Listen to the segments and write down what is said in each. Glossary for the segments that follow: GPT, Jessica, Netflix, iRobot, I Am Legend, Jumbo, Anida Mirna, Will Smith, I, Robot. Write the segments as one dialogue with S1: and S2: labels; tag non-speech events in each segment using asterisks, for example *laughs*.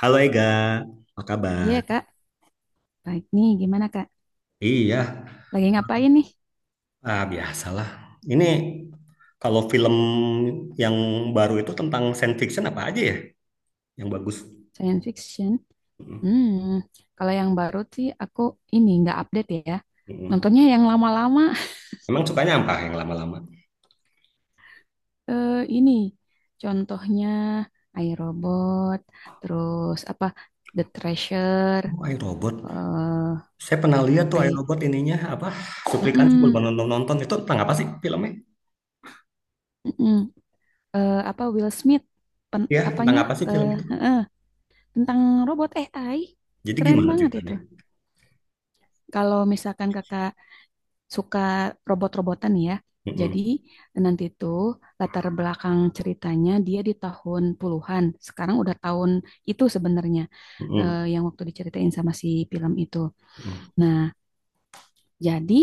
S1: Halo Ega, apa kabar?
S2: Iya, Kak. Baik nih, gimana, Kak?
S1: Iya,
S2: Lagi ngapain nih?
S1: ah, biasalah. Ini kalau film yang baru itu tentang science fiction apa aja ya yang bagus?
S2: Science fiction.
S1: Mm,
S2: Hmm, kalau yang baru sih aku ini nggak update ya.
S1: mm.
S2: Nontonnya yang lama-lama. *laughs*
S1: Emang sukanya apa yang lama-lama?
S2: Ini contohnya I, robot. Terus apa The Treasure,
S1: Oh, iRobot.
S2: eh
S1: Saya pernah lihat tuh
S2: I,
S1: iRobot ininya apa? Cuplikan sebelum
S2: Mm-mm,
S1: nonton-nonton itu tentang apa sih filmnya?
S2: mm-mm. Apa Will Smith,
S1: Ya, tentang
S2: apanya
S1: apa sih
S2: eh,
S1: film itu?
S2: eh, eh, tentang robot AI,
S1: Jadi
S2: keren
S1: gimana
S2: banget itu.
S1: ceritanya?
S2: Kalau misalkan kakak suka robot-robotan ya. Jadi
S1: Mm-mm.
S2: nanti tuh latar belakang ceritanya dia di tahun puluhan. Sekarang udah tahun itu sebenarnya
S1: Mm-mm.
S2: yang waktu diceritain sama si film itu.
S1: Mm.
S2: Nah, jadi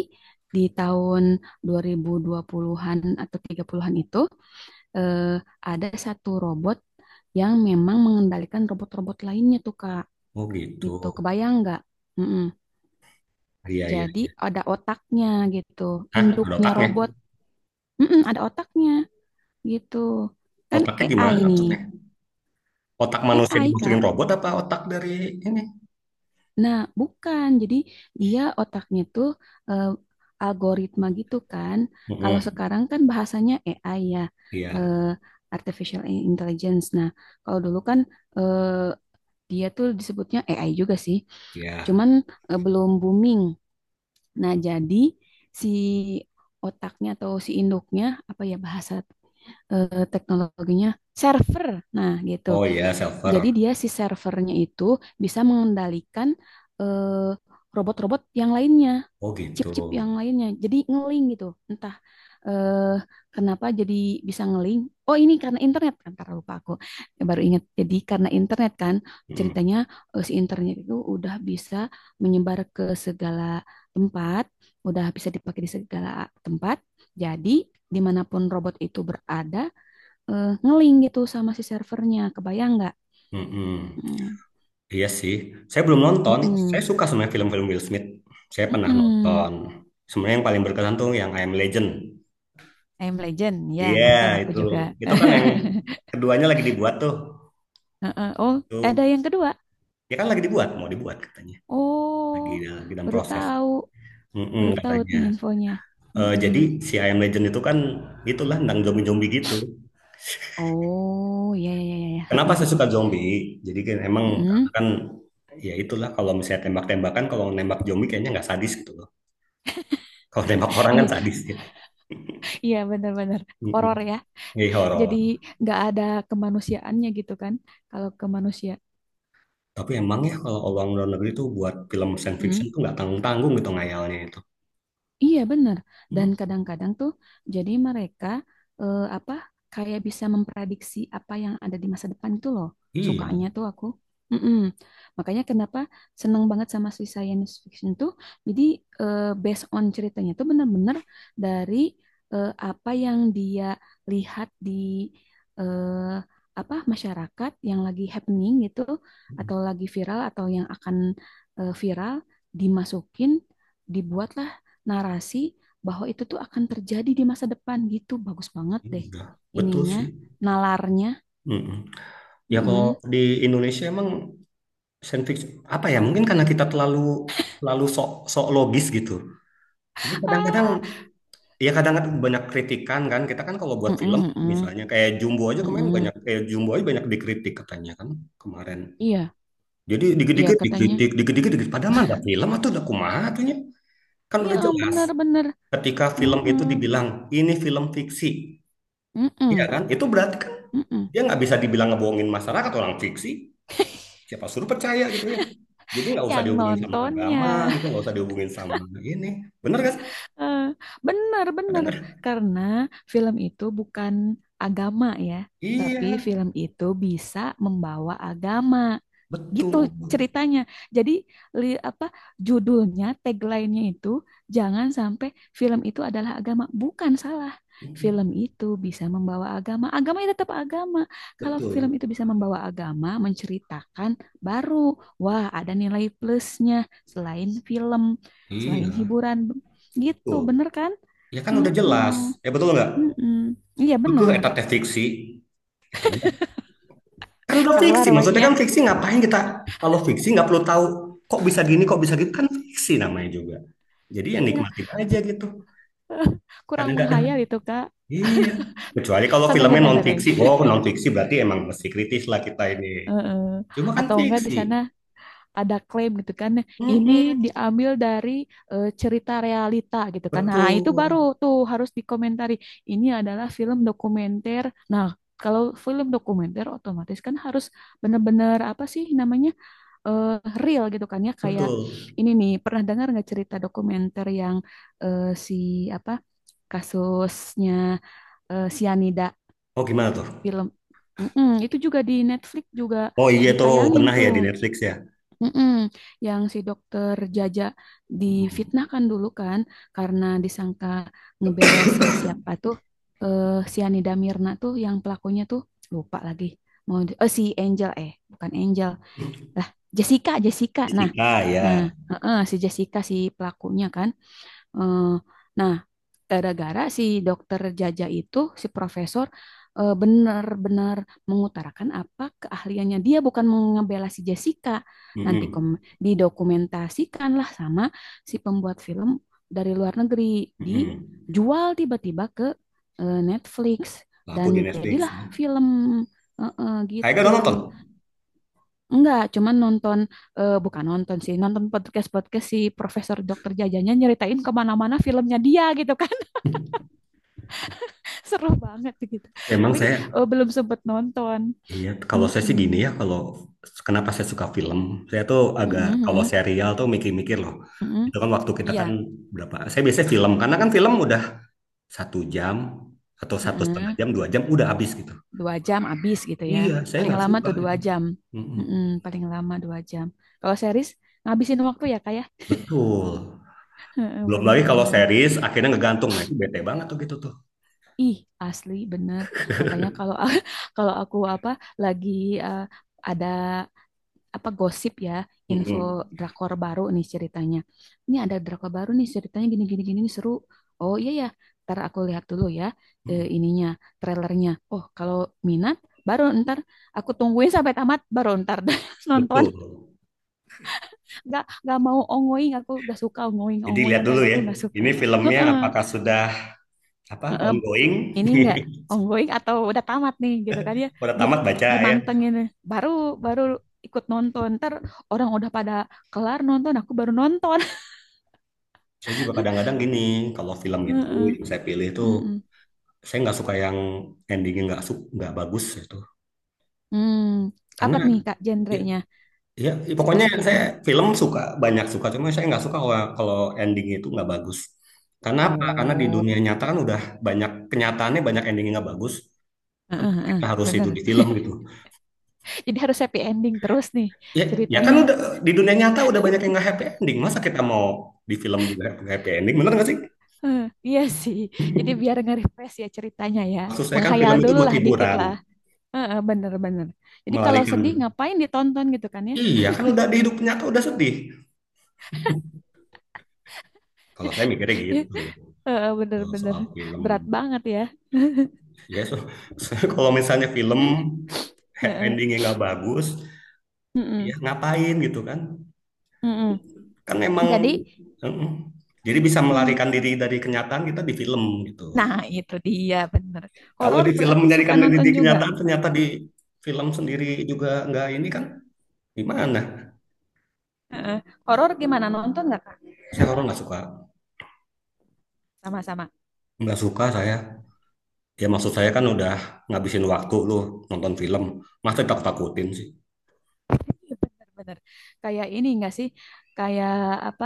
S2: di tahun 2020-an atau 30-an itu eh, ada satu robot yang memang mengendalikan robot-robot lainnya tuh Kak.
S1: Oh gitu.
S2: Gitu. Kebayang nggak? Mm-mm.
S1: Iya, iya,
S2: Jadi
S1: iya.
S2: ada otaknya gitu,
S1: Hah, ada
S2: induknya
S1: otaknya?
S2: robot. Mm-mm, ada otaknya. Gitu. Kan
S1: Otaknya
S2: AI
S1: gimana
S2: nih,
S1: maksudnya? Otak manusia
S2: AI
S1: dimasukin
S2: Kak.
S1: robot apa otak dari ini?
S2: Nah, bukan. Jadi dia otaknya tuh eh, algoritma gitu kan. Kalau
S1: Mm-mm.
S2: sekarang kan bahasanya AI ya,
S1: Iya,
S2: eh, artificial intelligence. Nah, kalau dulu kan eh, dia tuh disebutnya AI juga sih,
S1: iya.
S2: cuman belum booming. Nah, jadi si otaknya atau si induknya apa ya bahasa teknologinya server. Nah, gitu.
S1: Oh iya, silver.
S2: Jadi dia si servernya itu bisa mengendalikan eh, robot-robot yang lainnya,
S1: Oh gitu.
S2: chip-chip yang lainnya. Jadi ngeling gitu. Entah eh, kenapa jadi bisa ngeling. Oh ini karena internet kan, karena lupa aku. Ya, baru ingat. Jadi karena internet kan,
S1: Mm-mm.
S2: ceritanya si internet itu udah bisa menyebar ke segala tempat, udah bisa dipakai di segala tempat. Jadi dimanapun robot itu berada, ngeling gitu sama si servernya. Kebayang nggak?
S1: Mm-mm.
S2: Hmm.
S1: Iya sih. Saya belum nonton. Saya
S2: Mm-mm.
S1: suka sebenarnya film-film Will Smith. Saya pernah
S2: Mm-mm.
S1: nonton. Sebenarnya yang paling berkesan tuh yang I Am Legend.
S2: I Am Legend, ya
S1: Iya,
S2: nonton aku
S1: itu.
S2: juga.
S1: Itu kan
S2: *laughs*
S1: yang keduanya lagi dibuat tuh.
S2: Heeh. Oh, ada
S1: Tuh.
S2: yang kedua.
S1: Ya kan lagi dibuat, mau dibuat katanya.
S2: Oh,
S1: Lagi, lagi dalam
S2: baru
S1: proses.
S2: tahu, baru
S1: Mm-mm,
S2: tahu
S1: katanya.
S2: nih infonya.
S1: Eh,
S2: Mm-mm.
S1: jadi si I Am Legend itu kan itulah tentang zombie-zombie gitu.
S2: Oh, ya ya ya ya.
S1: Kenapa saya
S2: Heeh.
S1: suka zombie? Jadi kan emang karena
S2: Mm-mm.
S1: kan ya itulah kalau misalnya tembak-tembakan, kalau nembak zombie kayaknya nggak sadis gitu loh. *laughs* Kalau nembak orang kan
S2: Iya,
S1: sadis ya.
S2: iya benar-benar
S1: Mm-mm.
S2: horor ya.
S1: Jadi horor.
S2: Jadi nggak ada kemanusiaannya gitu kan? Kalau kemanusiaan.
S1: Tapi emang ya kalau orang luar negeri itu buat film science fiction tuh nggak tanggung-tanggung gitu ngayalnya itu.
S2: Iya benar.
S1: Hmm,
S2: Dan kadang-kadang tuh jadi mereka apa kayak bisa memprediksi apa yang ada di masa depan itu loh.
S1: iya,
S2: Sukanya tuh aku. Mm-mm. Makanya kenapa seneng banget sama si science fiction tuh. Jadi based on ceritanya tuh benar-benar dari apa yang dia lihat di eh, apa masyarakat yang lagi happening gitu
S1: hmm,
S2: atau lagi viral atau yang akan viral dimasukin dibuatlah narasi bahwa itu tuh akan terjadi di masa depan gitu. Bagus banget deh
S1: iya, betul
S2: ininya,
S1: sih.
S2: nalarnya.
S1: Mm-mm. Ya kalau
S2: Mm-mm.
S1: di Indonesia emang science fiction apa ya? Mungkin karena kita terlalu terlalu sok sok logis gitu. Jadi kadang-kadang
S2: Ah,
S1: iya kadang-kadang banyak kritikan kan. Kita kan kalau buat
S2: mm-mm,
S1: film
S2: mm-mm,
S1: misalnya kayak Jumbo aja kemarin
S2: mm-mm.
S1: banyak kayak Jumbo aja banyak dikritik katanya kan kemarin.
S2: Iya,
S1: Jadi
S2: iya
S1: dikit-dikit
S2: katanya.
S1: dikritik, dikit-dikit dikritik. Padahal mah nggak film atau udah kumaha atunya. Kan
S2: Iya,
S1: udah jelas.
S2: benar-benar.
S1: Ketika film
S2: Mm-mm,
S1: itu dibilang ini film fiksi, iya
S2: mm-mm,
S1: kan? Itu berarti kan
S2: mm-mm.
S1: dia nggak bisa dibilang ngebohongin masyarakat orang fiksi. Siapa suruh percaya gitu ya? Jadi nggak usah
S2: Yang
S1: dihubungin sama agama
S2: nontonnya.
S1: gitu, nggak usah dihubungin sama ini. Bener kan?
S2: *laughs* Bener-bener.
S1: Kadang-kadang.
S2: Karena film itu bukan agama ya. Tapi
S1: Iya,
S2: film itu bisa membawa agama. Gitu
S1: betul.
S2: ceritanya. Jadi apa judulnya, tagline-nya itu jangan sampai film itu adalah agama. Bukan salah.
S1: Mm,
S2: Film itu bisa membawa agama. Agama itu tetap agama. Kalau film
S1: betul.
S2: itu bisa membawa agama, menceritakan baru wah ada nilai plusnya selain film,
S1: Iya,
S2: selain hiburan. Gitu,
S1: betul.
S2: bener kan?
S1: Ya kan udah
S2: Mm-mm.
S1: jelas. Ya betul nggak?
S2: Mm-mm. Iya
S1: Itu
S2: bener.
S1: eta teh fiksi. Eta teh- kan udah fiksi.
S2: Keluar
S1: Maksudnya
S2: wehnya.
S1: kan fiksi ngapain kita? Kalau fiksi nggak perlu tahu kok bisa gini, kok bisa gitu. Kan fiksi namanya juga. Jadi ya
S2: Iya.
S1: nikmatin aja gitu.
S2: *laughs* Kurang
S1: Kadang nggak ada
S2: menghayal itu, Kak.
S1: iya. Kecuali kalau
S2: Santai,
S1: filmnya
S2: santai,
S1: non
S2: santai.
S1: fiksi. Oh, non fiksi berarti emang mesti kritis lah kita ini.
S2: Heeh.
S1: Cuma kan
S2: Atau enggak di
S1: fiksi.
S2: sana ada klaim gitu kan. Ini
S1: Mm-mm.
S2: diambil dari cerita realita gitu kan. Nah, itu baru
S1: Betul,
S2: tuh harus dikomentari. Ini adalah film dokumenter. Nah, kalau film dokumenter otomatis kan harus benar-benar apa sih namanya? eh, Real gitu kan ya kayak
S1: betul.
S2: ini nih pernah dengar nggak cerita dokumenter yang si apa kasusnya sianida
S1: Oh gimana tuh?
S2: film. Mm-mm, itu juga di Netflix juga
S1: Oh iya tuh
S2: ditayangin
S1: pernah ya
S2: tuh.
S1: di Netflix ya.
S2: Mm-mm. Yang si dokter Jaja
S1: Mm-mm.
S2: difitnahkan dulu kan karena disangka ngebela si siapa tuh si Anida Mirna tuh yang pelakunya tuh lupa lagi, oh si Angel, eh bukan Angel lah, Jessica. Jessica, nah
S1: Fisika
S2: nah
S1: ya.
S2: heeh, si Jessica si pelakunya kan. Eh, nah, gara-gara si dokter Jaja itu, si profesor benar-benar mengutarakan apa keahliannya, dia bukan mengebela si Jessica. Nanti
S1: Mm-mm.
S2: didokumentasikanlah sama si pembuat film dari luar negeri,
S1: Mm-mm.
S2: dijual tiba-tiba ke Netflix
S1: Laku
S2: dan
S1: di Netflix
S2: jadilah
S1: ya.
S2: film
S1: Kayaknya
S2: gitu.
S1: udah nonton.
S2: Enggak, cuman nonton, eh, bukan nonton sih, nonton podcast-podcast si Profesor Dokter Jajanya nyeritain kemana-mana filmnya dia gitu kan. *laughs* Seru banget gitu.
S1: Emang
S2: Tapi
S1: saya,
S2: belum sempet nonton.
S1: iya, kalau saya sih gini
S2: Mm-mm.
S1: ya, kalau kenapa saya suka film, saya tuh agak,
S2: Mm-mm,
S1: kalau
S2: mm-mm,
S1: serial tuh mikir-mikir loh.
S2: mm-mm.
S1: Itu kan waktu kita
S2: Iya,
S1: kan berapa, saya biasanya film, karena kan film udah 1 jam, atau satu setengah
S2: mm-mm.
S1: jam, 2 jam, udah habis gitu.
S2: 2 jam habis gitu ya.
S1: Iya, saya
S2: Paling
S1: nggak
S2: lama
S1: suka
S2: tuh dua
S1: itu.
S2: jam.
S1: Mm-mm.
S2: Mm-mm, paling lama 2 jam. Kalau series, ngabisin waktu ya kayak
S1: Betul. Belum lagi kalau
S2: bener-bener. *laughs*
S1: series, akhirnya ngegantung, nah itu bete banget tuh gitu tuh.
S2: Ih, asli bener. Makanya kalau *laughs* kalau aku apa lagi eh, ada apa gosip ya,
S1: Mm-mm.
S2: info drakor baru nih ceritanya, ini ada drakor baru nih ceritanya gini gini gini nih seru, oh iya ya, ntar aku lihat dulu ya,
S1: Mm-mm.
S2: ininya trailernya, oh kalau minat baru ntar aku tungguin sampai tamat baru ntar *laughs* nonton,
S1: Betul.
S2: nggak mau ongoing, aku nggak suka ongoing
S1: Jadi
S2: ongoing
S1: lihat dulu
S2: kayak
S1: ya,
S2: gitu, nggak suka.
S1: ini filmnya
S2: Heeh.
S1: apakah sudah apa
S2: Heeh,
S1: ongoing.
S2: ini enggak ongoing atau udah tamat nih gitu kan ya,
S1: *laughs* Udah
S2: di
S1: tamat baca ya.
S2: dimantengin, baru baru ikut nonton ntar, orang udah pada kelar nonton aku baru nonton.
S1: Saya juga kadang-kadang gini kalau film
S2: *laughs*
S1: itu
S2: Heeh,
S1: yang saya pilih itu
S2: heeh.
S1: saya nggak suka yang endingnya nggak su- nggak bagus itu
S2: Hmm,
S1: karena
S2: apa nih Kak
S1: ya,
S2: genrenya,
S1: ya ya pokoknya saya
S2: spesifiknya,
S1: film suka banyak suka cuma saya nggak suka kalau, kalau ending itu nggak bagus karena apa karena di
S2: oh
S1: dunia nyata kan udah banyak kenyataannya banyak endingnya nggak bagus.
S2: heeh,
S1: Kenapa kita
S2: heeh,
S1: harus
S2: bener,
S1: itu di film gitu
S2: jadi harus happy ending terus nih
S1: ya, ya kan
S2: ceritanya.
S1: udah di dunia nyata udah banyak yang nggak happy ending masa kita mau di film juga happy ending bener nggak sih?
S2: Heeh, iya sih, jadi biar nge-refresh ya ceritanya ya,
S1: Maksud saya kan
S2: menghayal
S1: film itu
S2: dulu
S1: buat
S2: lah dikit
S1: hiburan,
S2: lah. Heeh, bener bener, jadi kalau
S1: melarikan.
S2: sedih ngapain ditonton gitu kan ya.
S1: Iya kan udah di hidup nyata udah sedih. Kalau saya mikirnya gitu
S2: *laughs* Heeh,
S1: kalau
S2: bener-bener
S1: soal film.
S2: berat banget ya.
S1: Ya so, *laughs* kalau misalnya film
S2: Heeh,
S1: endingnya nggak bagus, ya
S2: mm-mm,
S1: ngapain gitu kan?
S2: mm-mm.
S1: Kan memang
S2: Jadi,
S1: mm, jadi bisa
S2: mm,
S1: melarikan diri dari kenyataan kita di film gitu.
S2: nah itu dia bener.
S1: Kalau
S2: Horor
S1: di film
S2: berarti suka
S1: melarikan diri
S2: nonton
S1: dari
S2: juga.
S1: kenyataan ternyata di film sendiri juga nggak ini kan gimana?
S2: Heeh. Horor gimana nonton nggak Kak?
S1: Saya horor
S2: Sama-sama.
S1: nggak suka saya. Ya maksud saya kan udah ngabisin waktu lu nonton film. Masa takut-takutin sih?
S2: Iya, bener-bener. Kayak ini nggak sih? Kayak apa?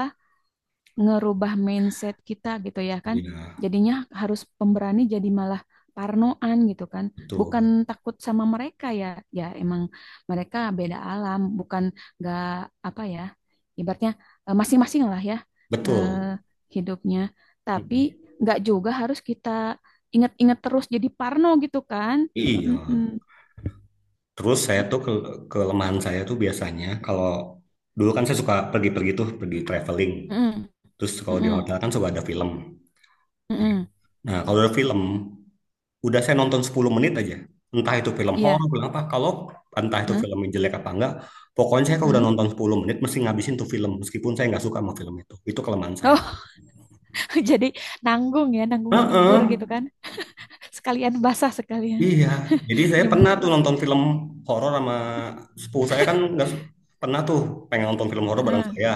S2: Ngerubah mindset kita gitu ya kan.
S1: Iya,
S2: Jadinya harus pemberani jadi malah parnoan gitu kan.
S1: betul.
S2: Bukan takut sama mereka ya. Ya emang mereka beda alam, bukan nggak apa ya. Ibaratnya masing-masing lah ya, eh,
S1: Betul.
S2: hidupnya. Tapi
S1: Mm-mm.
S2: nggak juga harus kita ingat-ingat terus jadi parno gitu kan.
S1: Iya.
S2: Mm-mm.
S1: Terus saya tuh ke kelemahan saya tuh biasanya kalau dulu kan saya suka pergi-pergi tuh, pergi traveling.
S2: Mm-mm.
S1: Terus kalau di
S2: Mm-mm.
S1: hotel kan suka ada film. Iya.
S2: Mm-mm.
S1: Nah, kalau ada film, udah saya nonton 10 menit aja. Entah itu film horor,
S2: Iya.
S1: film apa. Kalau entah itu
S2: Hah?
S1: filmnya jelek apa enggak, pokoknya saya kalau udah
S2: Mm-mm.
S1: nonton 10 menit mesti ngabisin tuh film meskipun saya nggak suka sama film itu. Itu kelemahan saya.
S2: Oh, *laughs* jadi nanggung ya, nanggung nyebur
S1: Heeh,
S2: gitu kan. Sekalian basah sekalian
S1: iya,
S2: *laughs*
S1: jadi saya pernah
S2: nyembur.
S1: tuh nonton film horor sama sepupu saya kan nggak su- pernah tuh pengen nonton film horor bareng
S2: Heeh.
S1: saya.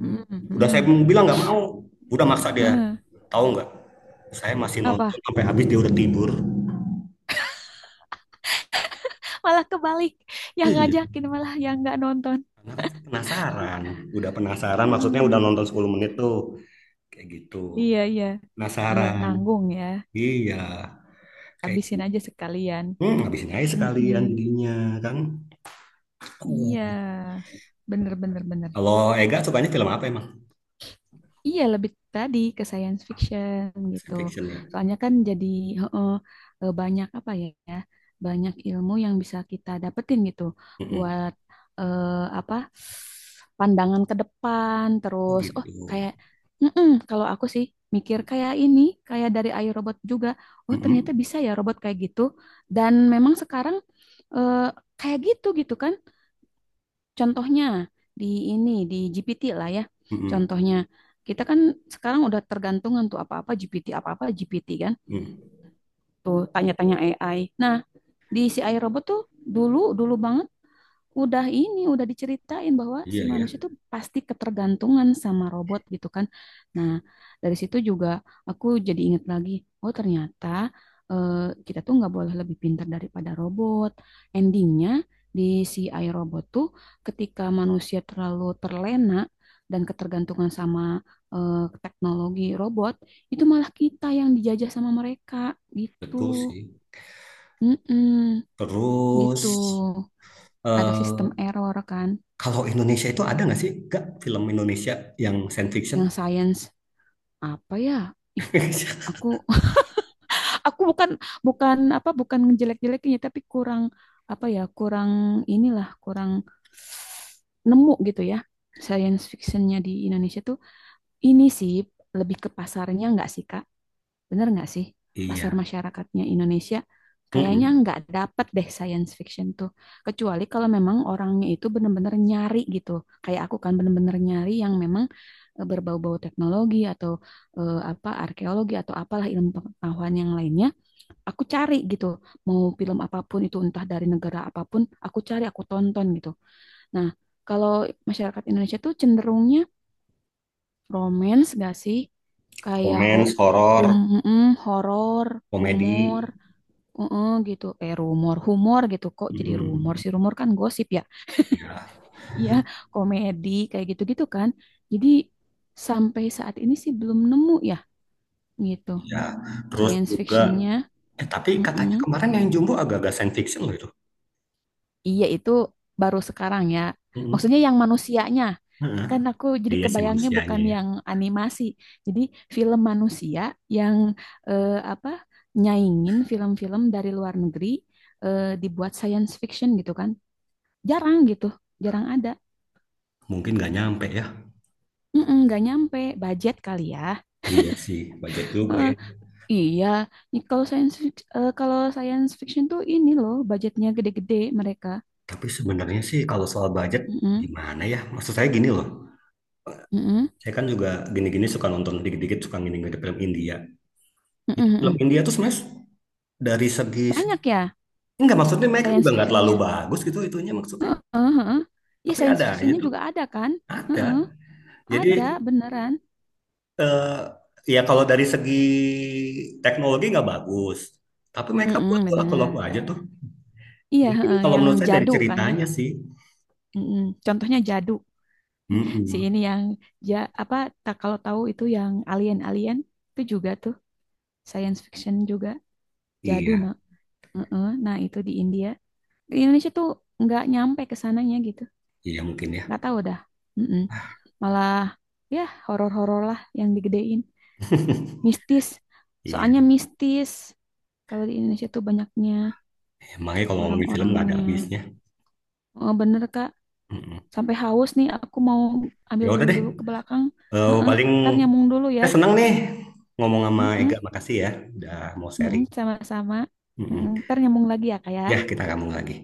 S2: Mm,
S1: Udah saya
S2: mm,
S1: bilang nggak mau, udah maksa dia.
S2: mm.
S1: Tahu nggak? Saya masih
S2: Apa
S1: nonton sampai habis dia udah tidur.
S2: malah kebalik, yang
S1: Iya,
S2: ngajakin malah yang nggak nonton.
S1: karena kan saya penasaran. Udah penasaran,
S2: Mm,
S1: maksudnya udah
S2: mm.
S1: nonton
S2: Mm.
S1: 10 menit tuh. Kayak gitu.
S2: Iya iya iya,
S1: Penasaran.
S2: nanggung ya,
S1: Iya, kayak
S2: habisin
S1: gitu.
S2: aja sekalian.
S1: Hmm, habisin aja
S2: Mm,
S1: sekalian
S2: mm.
S1: jadinya kan. Oh.
S2: Iya bener bener bener.
S1: Kalau Ega sukanya film apa emang?
S2: Iya, lebih tadi ke science fiction gitu.
S1: Science Fiction ya.
S2: Soalnya kan jadi heeh, banyak apa ya, ya, banyak ilmu yang bisa kita dapetin gitu
S1: Mm-mm.
S2: buat eh, apa pandangan ke depan.
S1: Oh
S2: Terus, oh
S1: gitu.
S2: kayak, mm-mm, kalau aku sih mikir kayak ini, kayak dari iRobot juga. Oh
S1: Mm-mm,
S2: ternyata bisa ya robot kayak gitu. Dan memang sekarang eh, kayak gitu gitu kan. Contohnya di ini di GPT lah ya.
S1: mm-mm,
S2: Contohnya kita kan sekarang udah tergantungan tuh apa-apa GPT, apa-apa GPT kan.
S1: mm.
S2: Tuh tanya-tanya AI. Nah, di si AI robot tuh dulu dulu banget udah ini udah diceritain bahwa
S1: Iya
S2: si
S1: ya,
S2: manusia tuh pasti ketergantungan sama robot gitu kan. Nah, dari situ juga aku jadi inget lagi, oh ternyata eh, kita tuh nggak boleh lebih pintar daripada robot. Endingnya di si iRobot tuh ketika manusia terlalu terlena dan ketergantungan sama eh, teknologi robot, itu malah kita yang dijajah sama mereka
S1: betul
S2: gitu.
S1: sih.
S2: Mm-mm, gitu.
S1: Terus
S2: Ada sistem
S1: eh,
S2: error kan.
S1: kalau Indonesia itu ada nggak sih, nggak film Indonesia yang science fiction?
S2: Yang science apa ya? Ih,
S1: *laughs*
S2: aku *laughs* aku bukan bukan apa bukan ngejelek-jelekinnya, tapi kurang apa ya? Kurang inilah, kurang nemu gitu ya. Science fictionnya di Indonesia tuh ini sih lebih ke pasarnya nggak sih, Kak? Bener nggak sih? Pasar
S1: Iya.
S2: masyarakatnya Indonesia kayaknya
S1: Mm-mm.
S2: nggak dapat deh science fiction tuh. Kecuali kalau memang orangnya itu bener-bener nyari gitu. Kayak aku kan bener-bener nyari yang memang berbau-bau teknologi atau apa arkeologi atau apalah ilmu pengetahuan yang lainnya. Aku cari gitu. Mau film apapun itu entah dari negara apapun, aku cari, aku tonton gitu. Nah, kalau masyarakat Indonesia tuh cenderungnya romance gak sih? Kayak
S1: Romance,
S2: hum
S1: horor,
S2: horor,
S1: komedi.
S2: rumor, gitu. Eh rumor, humor gitu. Kok jadi rumor
S1: Mm.
S2: sih? Rumor kan gosip ya. *laughs*
S1: Iya,
S2: Iya, komedi kayak gitu-gitu kan. Jadi sampai saat ini sih belum nemu ya gitu.
S1: iya. Terus
S2: Science
S1: juga,
S2: fictionnya,
S1: eh tapi katanya
S2: mm
S1: kemarin yang Jumbo agak-agak science fiction loh itu.
S2: Iya itu baru sekarang ya.
S1: Mm-mm.
S2: Maksudnya yang manusianya,
S1: Heeh.
S2: kan aku jadi
S1: Iya sih
S2: kebayangnya
S1: manusianya
S2: bukan
S1: ya.
S2: yang animasi. Jadi film manusia yang apa nyaingin film-film dari luar negeri dibuat science fiction gitu kan. Jarang gitu, jarang ada.
S1: Mungkin nggak nyampe ya.
S2: Mm-mm, nggak nyampe budget kali ya.
S1: Iya sih, budget juga
S2: Eh,
S1: ya.
S2: iya, ini kalau kalau science fiction tuh ini loh budgetnya gede-gede mereka.
S1: Tapi sebenarnya sih kalau soal budget
S2: Mm-mm,
S1: gimana ya? Maksud saya gini loh.
S2: mm-mm,
S1: Saya kan juga gini-gini suka nonton dikit-dikit suka gini-gini film India.
S2: mm-mm,
S1: Itu film
S2: mm-mm.
S1: India tuh sebenarnya dari segi
S2: Banyak ya
S1: enggak maksudnya mereka juga
S2: science
S1: nggak terlalu
S2: fictionnya.
S1: bagus gitu itunya maksudnya.
S2: Heeh, heeh. Iya,
S1: Tapi
S2: science
S1: ada aja
S2: fictionnya
S1: tuh.
S2: juga ada kan?
S1: Ada.
S2: Heeh.
S1: Jadi
S2: Ada beneran.
S1: eh, ya kalau dari segi teknologi nggak bagus. Tapi mereka buat
S2: Mm-mm,
S1: tuh laku-laku
S2: bener.
S1: aja tuh.
S2: Iya,
S1: Mungkin
S2: heeh,
S1: kalau
S2: yang
S1: menurut saya dari
S2: jadu kan ya.
S1: ceritanya sih.
S2: Mm-mm. Contohnya jadu. *laughs* Si ini
S1: Mm-mm.
S2: yang ja apa tak kalau tahu itu yang alien-alien itu juga tuh science fiction juga jadu
S1: Iya,
S2: nah. Heeh, nah, itu di India. Di Indonesia tuh nggak nyampe ke sananya gitu.
S1: iya mungkin ya.
S2: Nggak
S1: *laughs*
S2: tahu dah. Mm-mm. Malah ya horor-horor lah yang digedein. Mistis.
S1: Iya,
S2: Soalnya mistis. Kalau di Indonesia tuh banyaknya
S1: emangnya kalau ngomongin film nggak ada
S2: orang-orangnya.
S1: habisnya.
S2: Oh, bener Kak.
S1: Mm-mm.
S2: Sampai haus nih, aku mau ambil
S1: Ya udah
S2: minum
S1: deh.
S2: dulu ke belakang.
S1: Eh,
S2: Heeh,
S1: paling
S2: ntar nyambung dulu ya.
S1: saya senang nih ngomong sama Ega.
S2: Heeh,
S1: Makasih ya udah mau
S2: heeh,
S1: sharing.
S2: sama-sama. Heeh,
S1: Mm-mm.
S2: ntar nyambung lagi ya, Kak ya.
S1: Ya, kita ngomong lagi.